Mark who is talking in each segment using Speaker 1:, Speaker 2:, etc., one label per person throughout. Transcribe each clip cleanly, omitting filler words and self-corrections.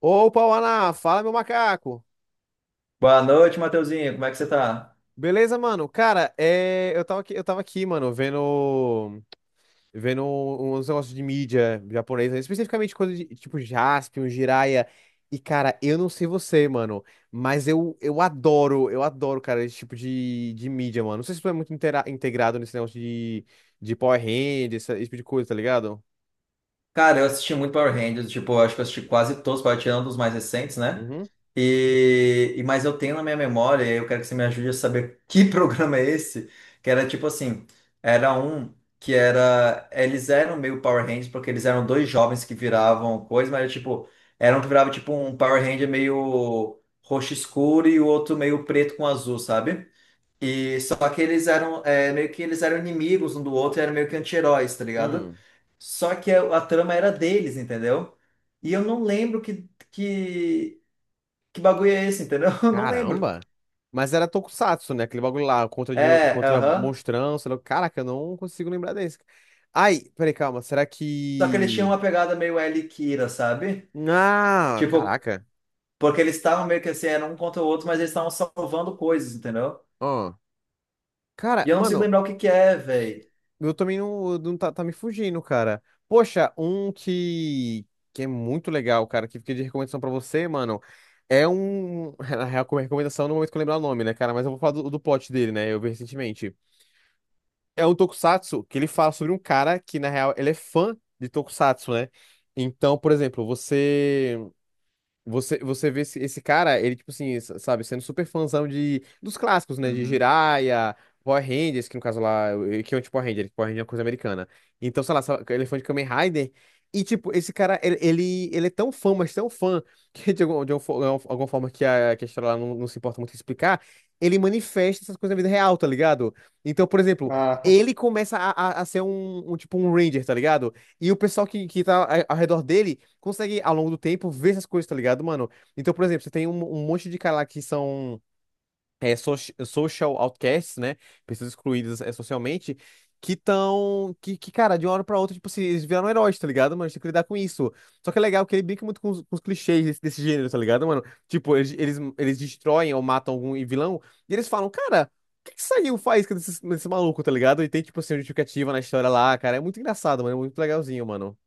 Speaker 1: Opa, Ana, fala meu macaco.
Speaker 2: Boa noite, Mateuzinho. Como é que você tá?
Speaker 1: Beleza, mano? Cara, eu tava aqui, mano, vendo uns negócios de mídia japonesa, especificamente coisa de tipo Jaspion, Jiraiya. E cara, eu não sei você, mano, mas eu adoro, eu adoro, cara, esse tipo de mídia, mano. Não sei se tu é muito integrado nesse negócio de Power Rangers, esse tipo de coisa, tá ligado?
Speaker 2: Cara, eu assisti muito Power Rangers, tipo, eu acho que eu assisti quase todos, para tirar um dos mais recentes, né?
Speaker 1: Uhum.
Speaker 2: Mas eu tenho na minha memória, e eu quero que você me ajude a saber que programa é esse, que era tipo assim, era um que era, eles eram meio Power Rangers porque eles eram dois jovens que viravam coisa, mas era, tipo, era um que virava tipo um Power Ranger meio roxo escuro e o outro meio preto com azul, sabe? E só que eles eram é, meio que eles eram inimigos um do outro, e eram meio que anti-heróis, tá ligado?
Speaker 1: Hum.
Speaker 2: Só que a trama era deles, entendeu? E eu não lembro que bagulho é esse, entendeu? Eu não lembro.
Speaker 1: Caramba! Mas era Tokusatsu, né? Aquele bagulho lá, contra,
Speaker 2: É,
Speaker 1: contra
Speaker 2: aham.
Speaker 1: monstrão, sei lá. Caraca, eu não consigo lembrar desse. Ai, peraí, calma. Será
Speaker 2: Só que eles tinham
Speaker 1: que.
Speaker 2: uma pegada meio L e Kira, sabe?
Speaker 1: Ah,
Speaker 2: Tipo,
Speaker 1: caraca.
Speaker 2: porque eles estavam meio que assim, eram um contra o outro, mas eles estavam salvando coisas, entendeu?
Speaker 1: Ó. Cara,
Speaker 2: E eu não consigo
Speaker 1: mano,
Speaker 2: lembrar o que que é, velho.
Speaker 1: eu também não, tá me fugindo, cara. Poxa, um que. Que é muito legal, cara, que fica de recomendação pra você, mano. É um. Na real, como recomendação, no momento que eu lembrar o nome, né, cara? Mas eu vou falar do plot dele, né? Eu vi recentemente. É um tokusatsu que ele fala sobre um cara que, na real, ele é fã de tokusatsu, né? Então, por exemplo, você. Você vê esse cara, ele, tipo assim, sabe, sendo super fãzão dos clássicos, né? De
Speaker 2: Uhum.
Speaker 1: Jiraiya, Power Rangers, que no caso lá, que é um tipo Power Ranger, Power Ranger é uma coisa americana. Então, sei lá, Elefante Kamen Rider. E, tipo, esse cara, ele é tão fã, mas tão fã, que de, de algum alguma forma que a história lá não, não se importa muito em explicar, ele manifesta essas coisas na vida real, tá ligado? Então, por exemplo,
Speaker 2: Ah,
Speaker 1: ele começa a, a ser um, tipo, um Ranger, tá ligado? E o pessoal que tá ao redor dele consegue, ao longo do tempo, ver essas coisas, tá ligado, mano? Então, por exemplo, você tem um, um monte de cara lá que são é, social outcasts, né? Pessoas excluídas é, socialmente, que estão. Que, cara, de uma hora pra outra, tipo, se eles viraram heróis, tá ligado, mano? A gente tem que lidar com isso. Só que é legal que ele brinca muito com os clichês desse gênero, tá ligado, mano? Tipo, eles destroem ou matam algum vilão, e eles falam, cara. O que que saiu faz com desse maluco, tá ligado? E tem, tipo assim, uma justificativa na história lá, cara. É muito engraçado, mano. É muito legalzinho, mano.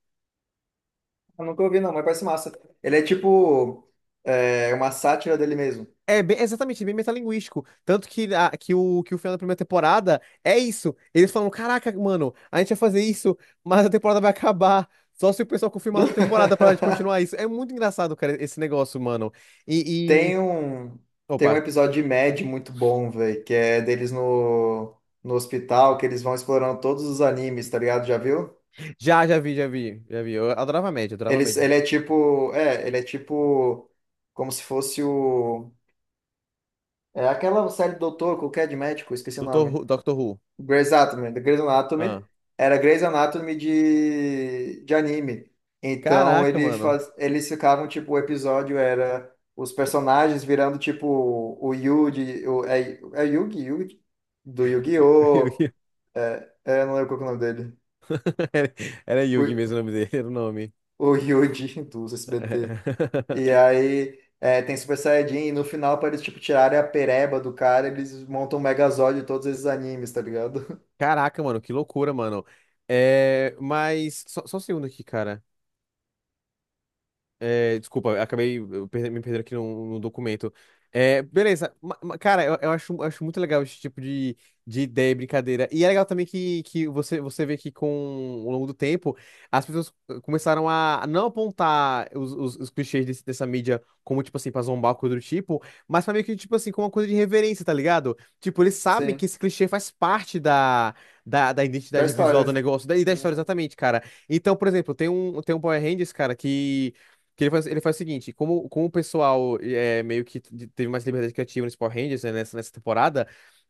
Speaker 2: eu nunca ouvi não, mas parece massa. Ele é tipo é, uma sátira dele mesmo.
Speaker 1: Exatamente, bem metalinguístico. Tanto que, que o final da primeira temporada é isso. Eles falam: Caraca, mano, a gente vai fazer isso, mas a temporada vai acabar. Só se o pessoal confirmar a outra temporada pra gente continuar isso. É muito engraçado, cara, esse negócio, mano. E, e- e-
Speaker 2: Tem um, tem um
Speaker 1: Opa.
Speaker 2: episódio de Mad muito bom, velho, que é deles no hospital, que eles vão explorando todos os animes, tá ligado? Já viu?
Speaker 1: Já, já vi, já vi, já vi. Eu adorava a média, adorava a
Speaker 2: Eles,
Speaker 1: média.
Speaker 2: ele é tipo, como se fosse o, é aquela série do doutor, qualquer de médico, esqueci o nome.
Speaker 1: Doctor Who.
Speaker 2: Grey's Anatomy, The Grey's Anatomy
Speaker 1: Ah.
Speaker 2: era Grey's Anatomy de anime. Então
Speaker 1: Caraca,
Speaker 2: ele
Speaker 1: mano.
Speaker 2: faz, eles ficavam tipo o episódio era os personagens virando tipo o Yugi, o, é, é Yugi, Yugi do Yu-Gi-Oh!
Speaker 1: Yugi.
Speaker 2: É, é, eu não lembro qual que é o nome dele.
Speaker 1: Era, era Yugi
Speaker 2: O,
Speaker 1: mesmo o nome dele, era o nome.
Speaker 2: o Yugi do SBT. E aí é, tem Super Saiyajin e no final para eles tipo tirarem a pereba do cara, eles montam o Megazord de todos esses animes, tá ligado?
Speaker 1: Caraca, mano, que loucura, mano. Só, só um segundo aqui, cara. É, desculpa, acabei me perdendo aqui no documento. É, beleza. Cara, eu acho, acho muito legal esse tipo de ideia e brincadeira. E é legal também que você, você vê que com ao longo do tempo as pessoas começaram a não apontar os, os clichês dessa mídia como, tipo assim, pra zombar, coisa do tipo, mas pra meio que, tipo assim, como uma coisa de reverência, tá ligado? Tipo, eles sabem que
Speaker 2: Sim,
Speaker 1: esse clichê faz parte da, da
Speaker 2: da
Speaker 1: identidade visual
Speaker 2: história.
Speaker 1: do negócio e da história,
Speaker 2: Uhum.
Speaker 1: exatamente, cara. Então, por exemplo, tem um Power Rangers, cara, que. Que ele faz o seguinte, como, como o pessoal é, meio que teve mais liberdade criativa nesse Power Rangers, né, nessa temporada,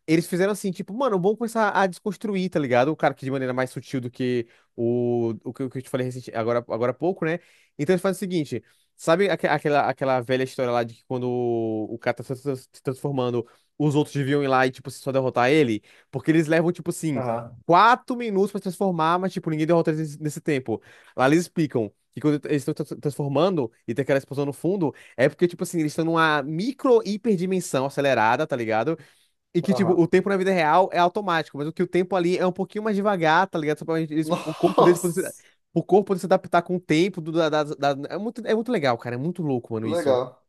Speaker 1: eles fizeram assim, tipo, mano, vamos começar a desconstruir, tá ligado? O cara que de maneira mais sutil do que o que eu te falei recente, agora há pouco, né? Então eles fazem o seguinte, sabe aquela velha história lá de que quando o cara tá se transformando, os outros deviam ir lá e, tipo, só derrotar ele? Porque eles levam, tipo assim,
Speaker 2: Aham,
Speaker 1: quatro minutos pra se transformar, mas, tipo, ninguém derrota eles nesse tempo. Lá eles explicam que quando eles estão transformando e tem aquela explosão no fundo, é porque, tipo assim, eles estão numa micro hiperdimensão acelerada, tá ligado? E que, tipo,
Speaker 2: aham.
Speaker 1: o tempo na vida real é automático, mas o que o tempo ali é um pouquinho mais devagar, tá ligado? Só pra eles, o corpo
Speaker 2: Nossa,
Speaker 1: deles poder se, o corpo poder se adaptar com o tempo. Do, da, da- da- É muito, é muito legal, cara. É muito louco, mano, isso.
Speaker 2: legal.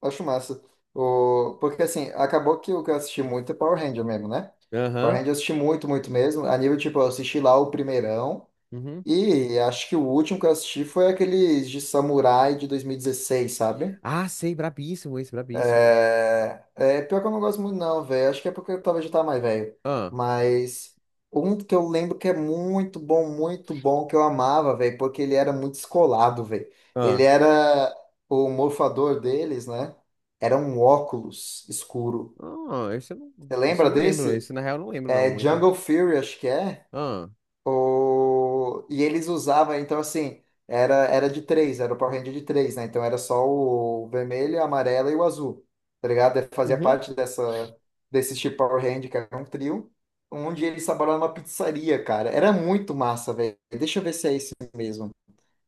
Speaker 2: Acho massa. O... Porque assim, acabou que o que eu assisti muito é Power Ranger mesmo, né? Power
Speaker 1: Aham.
Speaker 2: Ranger eu assisti muito, muito mesmo. A nível, tipo, eu assisti lá o primeirão.
Speaker 1: Uhum.
Speaker 2: E acho que o último que eu assisti foi aqueles de Samurai de 2016, sabe?
Speaker 1: Ah, sei, brabíssimo esse, brabíssimo.
Speaker 2: É, é, pior que eu não gosto muito, não, velho. Acho que é porque eu talvez já tá mais velho.
Speaker 1: Ah,
Speaker 2: Mas um que eu lembro que é muito bom, que eu amava, velho, porque ele era muito descolado, velho. Ele
Speaker 1: ah.
Speaker 2: era o morfador deles, né? Era um óculos escuro.
Speaker 1: Ah,
Speaker 2: Você
Speaker 1: esse eu
Speaker 2: lembra
Speaker 1: não lembro.
Speaker 2: desse?
Speaker 1: Esse, na real, eu não lembro, não,
Speaker 2: É
Speaker 1: muito.
Speaker 2: Jungle Fury, acho que é.
Speaker 1: Ah.
Speaker 2: O... E eles usavam, então assim, era, era de três, era o Power Ranger de três, né? Então era só o vermelho, a amarela e o azul, tá ligado? Fazia
Speaker 1: Uhum.
Speaker 2: parte dessa, desse tipo Power Ranger, que era um trio, onde eles trabalhavam numa pizzaria, cara. Era muito massa, velho. Deixa eu ver se é esse mesmo.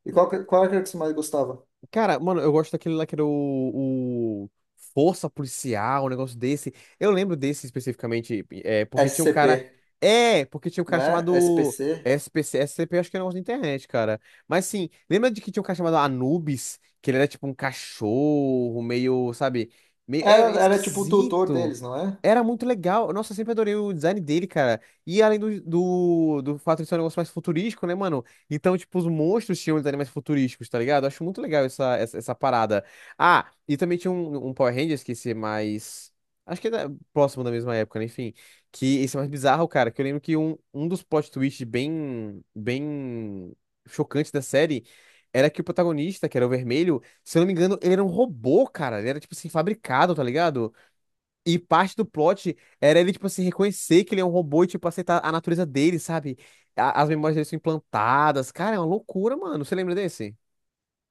Speaker 2: E qual, qual era que você mais gostava?
Speaker 1: Cara, mano, eu gosto daquele lá que era o Força Policial, um negócio desse. Eu lembro desse especificamente, é, porque tinha um
Speaker 2: SCP,
Speaker 1: cara. É, porque tinha um cara
Speaker 2: né?
Speaker 1: chamado
Speaker 2: SPC.
Speaker 1: SPC, SCP, acho que era um negócio da internet, cara. Mas sim, lembra de que tinha um cara chamado Anubis, que ele era tipo um cachorro, meio, sabe? Meio,
Speaker 2: Era,
Speaker 1: é
Speaker 2: era tipo o tutor
Speaker 1: esquisito.
Speaker 2: deles, não é?
Speaker 1: Era muito legal. Nossa, eu sempre adorei o design dele, cara. E além do fato de ser um negócio mais futurístico, né, mano? Então, tipo, os monstros tinham os animais futurísticos, tá ligado? Eu acho muito legal essa parada. Ah, e também tinha um Power Rangers que esse é mais. Acho que é próximo da mesma época, né? Enfim. Que esse é mais bizarro, cara. Que eu lembro que um dos plot twists bem, bem chocantes da série era que o protagonista, que era o vermelho, se eu não me engano, ele era um robô, cara. Ele era, tipo assim, fabricado, tá ligado? E parte do plot era ele, tipo assim, reconhecer que ele é um robô e, tipo, aceitar a natureza dele, sabe? As memórias dele são implantadas. Cara, é uma loucura, mano. Você lembra desse?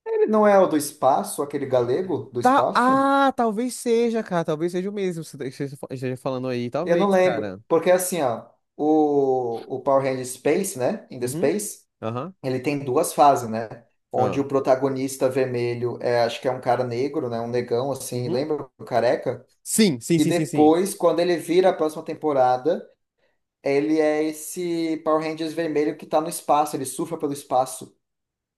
Speaker 2: Ele não é o do espaço, aquele galego do
Speaker 1: Tá.
Speaker 2: espaço?
Speaker 1: Ah, talvez seja, cara. Talvez seja o mesmo que você esteja falando aí.
Speaker 2: Eu
Speaker 1: Talvez,
Speaker 2: não lembro,
Speaker 1: cara.
Speaker 2: porque assim, ó, o Power Rangers Space, né, in the
Speaker 1: Uhum.
Speaker 2: Space,
Speaker 1: Aham.
Speaker 2: ele tem duas fases, né,
Speaker 1: Ah,
Speaker 2: onde o protagonista vermelho é, acho que é um cara negro, né, um negão, assim,
Speaker 1: Uhum.
Speaker 2: lembra o careca?
Speaker 1: Sim, sim,
Speaker 2: E
Speaker 1: sim, sim, sim.
Speaker 2: depois, quando ele vira a próxima temporada, ele é esse Power Rangers vermelho que tá no espaço, ele surfa pelo espaço.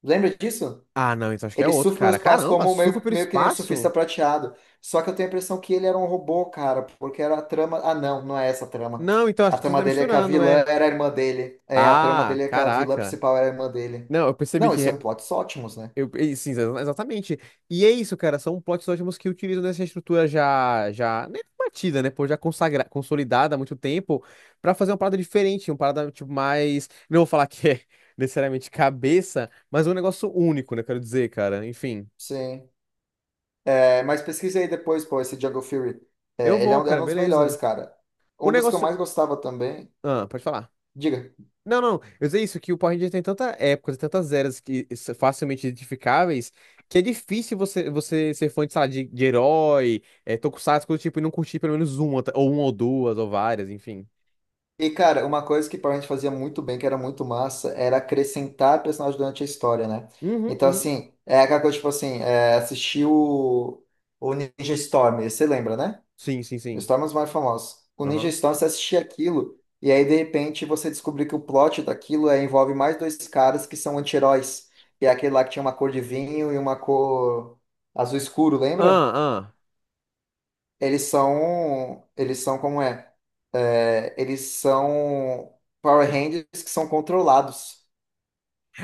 Speaker 2: Lembra disso?
Speaker 1: Ah, não, então acho que é
Speaker 2: Ele
Speaker 1: outro,
Speaker 2: surfa
Speaker 1: cara.
Speaker 2: meus passos
Speaker 1: Caramba,
Speaker 2: como
Speaker 1: surfa
Speaker 2: meio,
Speaker 1: pelo
Speaker 2: meio que nem o surfista
Speaker 1: espaço?
Speaker 2: prateado. Só que eu tenho a impressão que ele era um robô, cara, porque era a trama. Ah, não, não é essa a trama.
Speaker 1: Não, então acho
Speaker 2: A
Speaker 1: que tu
Speaker 2: trama
Speaker 1: tá
Speaker 2: dele é que a
Speaker 1: misturando,
Speaker 2: vilã
Speaker 1: é.
Speaker 2: era a irmã dele. É, a trama
Speaker 1: Ah,
Speaker 2: dele é que a vilã
Speaker 1: caraca.
Speaker 2: principal era a irmã dele.
Speaker 1: Não, eu percebi
Speaker 2: Não,
Speaker 1: que
Speaker 2: esse é um plot ótimos, né?
Speaker 1: eu, sim, exatamente. E é isso, cara. São plots ótimos que utilizam essa estrutura já né, batida, né? Pô, consolidada há muito tempo, pra fazer uma parada diferente, uma parada tipo mais. Não vou falar que é necessariamente cabeça, mas um negócio único, né? Quero dizer, cara. Enfim,
Speaker 2: Sim. É, mas pesquise aí depois, pô, esse Jungle Fury.
Speaker 1: eu
Speaker 2: É, ele é
Speaker 1: vou,
Speaker 2: um, era
Speaker 1: cara.
Speaker 2: um dos melhores,
Speaker 1: Beleza.
Speaker 2: cara.
Speaker 1: O
Speaker 2: Um dos que eu
Speaker 1: negócio.
Speaker 2: mais gostava também.
Speaker 1: Ah, pode falar.
Speaker 2: Diga.
Speaker 1: Não, não, eu sei isso, que o Power Ranger tem tantas épocas, e tantas eras que facilmente identificáveis, que é difícil você, você ser fã de, sei lá, de herói, é, tokusatsu, coisa do tipo, e não curtir pelo menos uma, ou uma ou duas, ou várias, enfim.
Speaker 2: E, cara, uma coisa que Power Rangers fazia muito bem, que era muito massa, era acrescentar personagens durante a história, né?
Speaker 1: Uhum,
Speaker 2: Então,
Speaker 1: uhum.
Speaker 2: assim, é aquela coisa, tipo assim, é, assistir o Ninja Storm, você lembra, né?
Speaker 1: Sim, sim,
Speaker 2: O
Speaker 1: sim.
Speaker 2: Storm é um dos mais famosos. O Ninja
Speaker 1: Aham.
Speaker 2: Storm, você assistia aquilo, e aí, de repente, você descobriu que o plot daquilo é, envolve mais dois caras que são anti-heróis, que é aquele lá que tinha uma cor de vinho e uma cor azul escuro, lembra?
Speaker 1: Ah, ah.
Speaker 2: Eles são. Eles são como é? É, eles são Power Rangers que são controlados.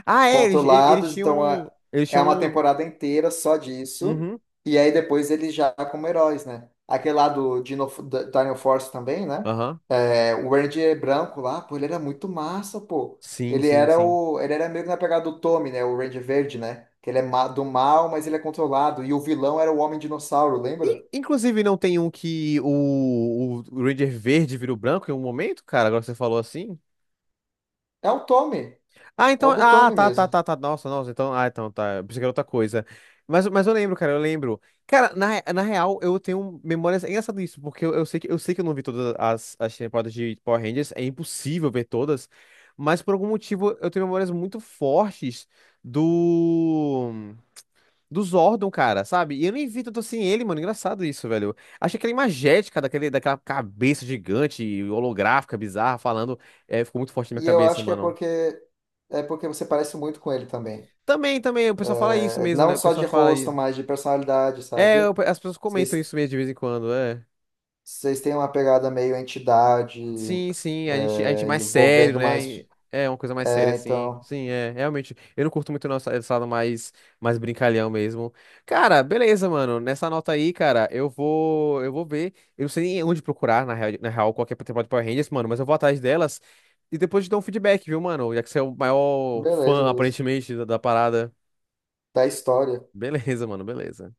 Speaker 1: Ah, é, eles, eles
Speaker 2: Controlados,
Speaker 1: tinham.
Speaker 2: então
Speaker 1: Um. Eles
Speaker 2: é
Speaker 1: tinham.
Speaker 2: uma
Speaker 1: Um.
Speaker 2: temporada inteira só disso.
Speaker 1: Uhum.
Speaker 2: E aí depois eles já como heróis, né? Aquele lá do Dino, Dino Force também, né?
Speaker 1: Aham.
Speaker 2: É, o Ranger branco lá, pô, ele era muito massa, pô.
Speaker 1: Sim,
Speaker 2: Ele
Speaker 1: sim,
Speaker 2: era
Speaker 1: sim.
Speaker 2: o. Ele era meio que na pegada do Tommy, né? O Ranger verde, né? Que ele é do mal, mas ele é controlado. E o vilão era o Homem Dinossauro, lembra?
Speaker 1: E, inclusive, não tem um que o Ranger verde virou branco em um momento, cara, agora que você falou assim?
Speaker 2: É o Tommy.
Speaker 1: Ah,
Speaker 2: É
Speaker 1: então.
Speaker 2: o do
Speaker 1: Ah,
Speaker 2: Tommy
Speaker 1: tá, tá,
Speaker 2: mesmo.
Speaker 1: tá, tá. Nossa, nossa. Então, ah, então, tá. Eu pensei que era outra coisa. Mas eu lembro. Cara, na real, eu tenho memórias. É engraçado isso, porque eu sei que, eu sei que eu não vi todas as, as temporadas de Power Rangers. É impossível ver todas. Mas por algum motivo, eu tenho memórias muito fortes do. Do Zordon, cara, sabe? E eu nem vi tanto assim ele, mano. Engraçado isso, velho. Achei aquela imagética daquele, daquela cabeça gigante, holográfica, bizarra, falando. É, ficou muito forte na minha
Speaker 2: E eu
Speaker 1: cabeça,
Speaker 2: acho que
Speaker 1: mano.
Speaker 2: é porque você parece muito com ele também.
Speaker 1: Também, também, o pessoal fala isso
Speaker 2: É,
Speaker 1: mesmo,
Speaker 2: não
Speaker 1: né? O
Speaker 2: só de
Speaker 1: pessoal fala
Speaker 2: rosto,
Speaker 1: aí.
Speaker 2: mas de personalidade,
Speaker 1: É,
Speaker 2: sabe?
Speaker 1: as pessoas comentam
Speaker 2: Vocês,
Speaker 1: isso mesmo de vez em quando, é.
Speaker 2: vocês têm uma pegada meio entidade,
Speaker 1: Sim, sim, a gente é
Speaker 2: é,
Speaker 1: mais sério,
Speaker 2: envolvendo
Speaker 1: né?
Speaker 2: mais.
Speaker 1: E é uma coisa mais séria,
Speaker 2: É,
Speaker 1: assim.
Speaker 2: então,
Speaker 1: Sim, é, realmente. Eu não curto muito nosso estado mais, mais brincalhão mesmo. Cara, beleza, mano. Nessa nota aí, cara, eu vou ver. Eu não sei nem onde procurar, na real, na real, qualquer temporada de Power Rangers, mano, mas eu vou atrás delas e depois te dou um feedback, viu, mano? Já que você é o maior
Speaker 2: beleza,
Speaker 1: fã,
Speaker 2: beleza.
Speaker 1: aparentemente, da parada.
Speaker 2: Da história.
Speaker 1: Beleza, mano, beleza.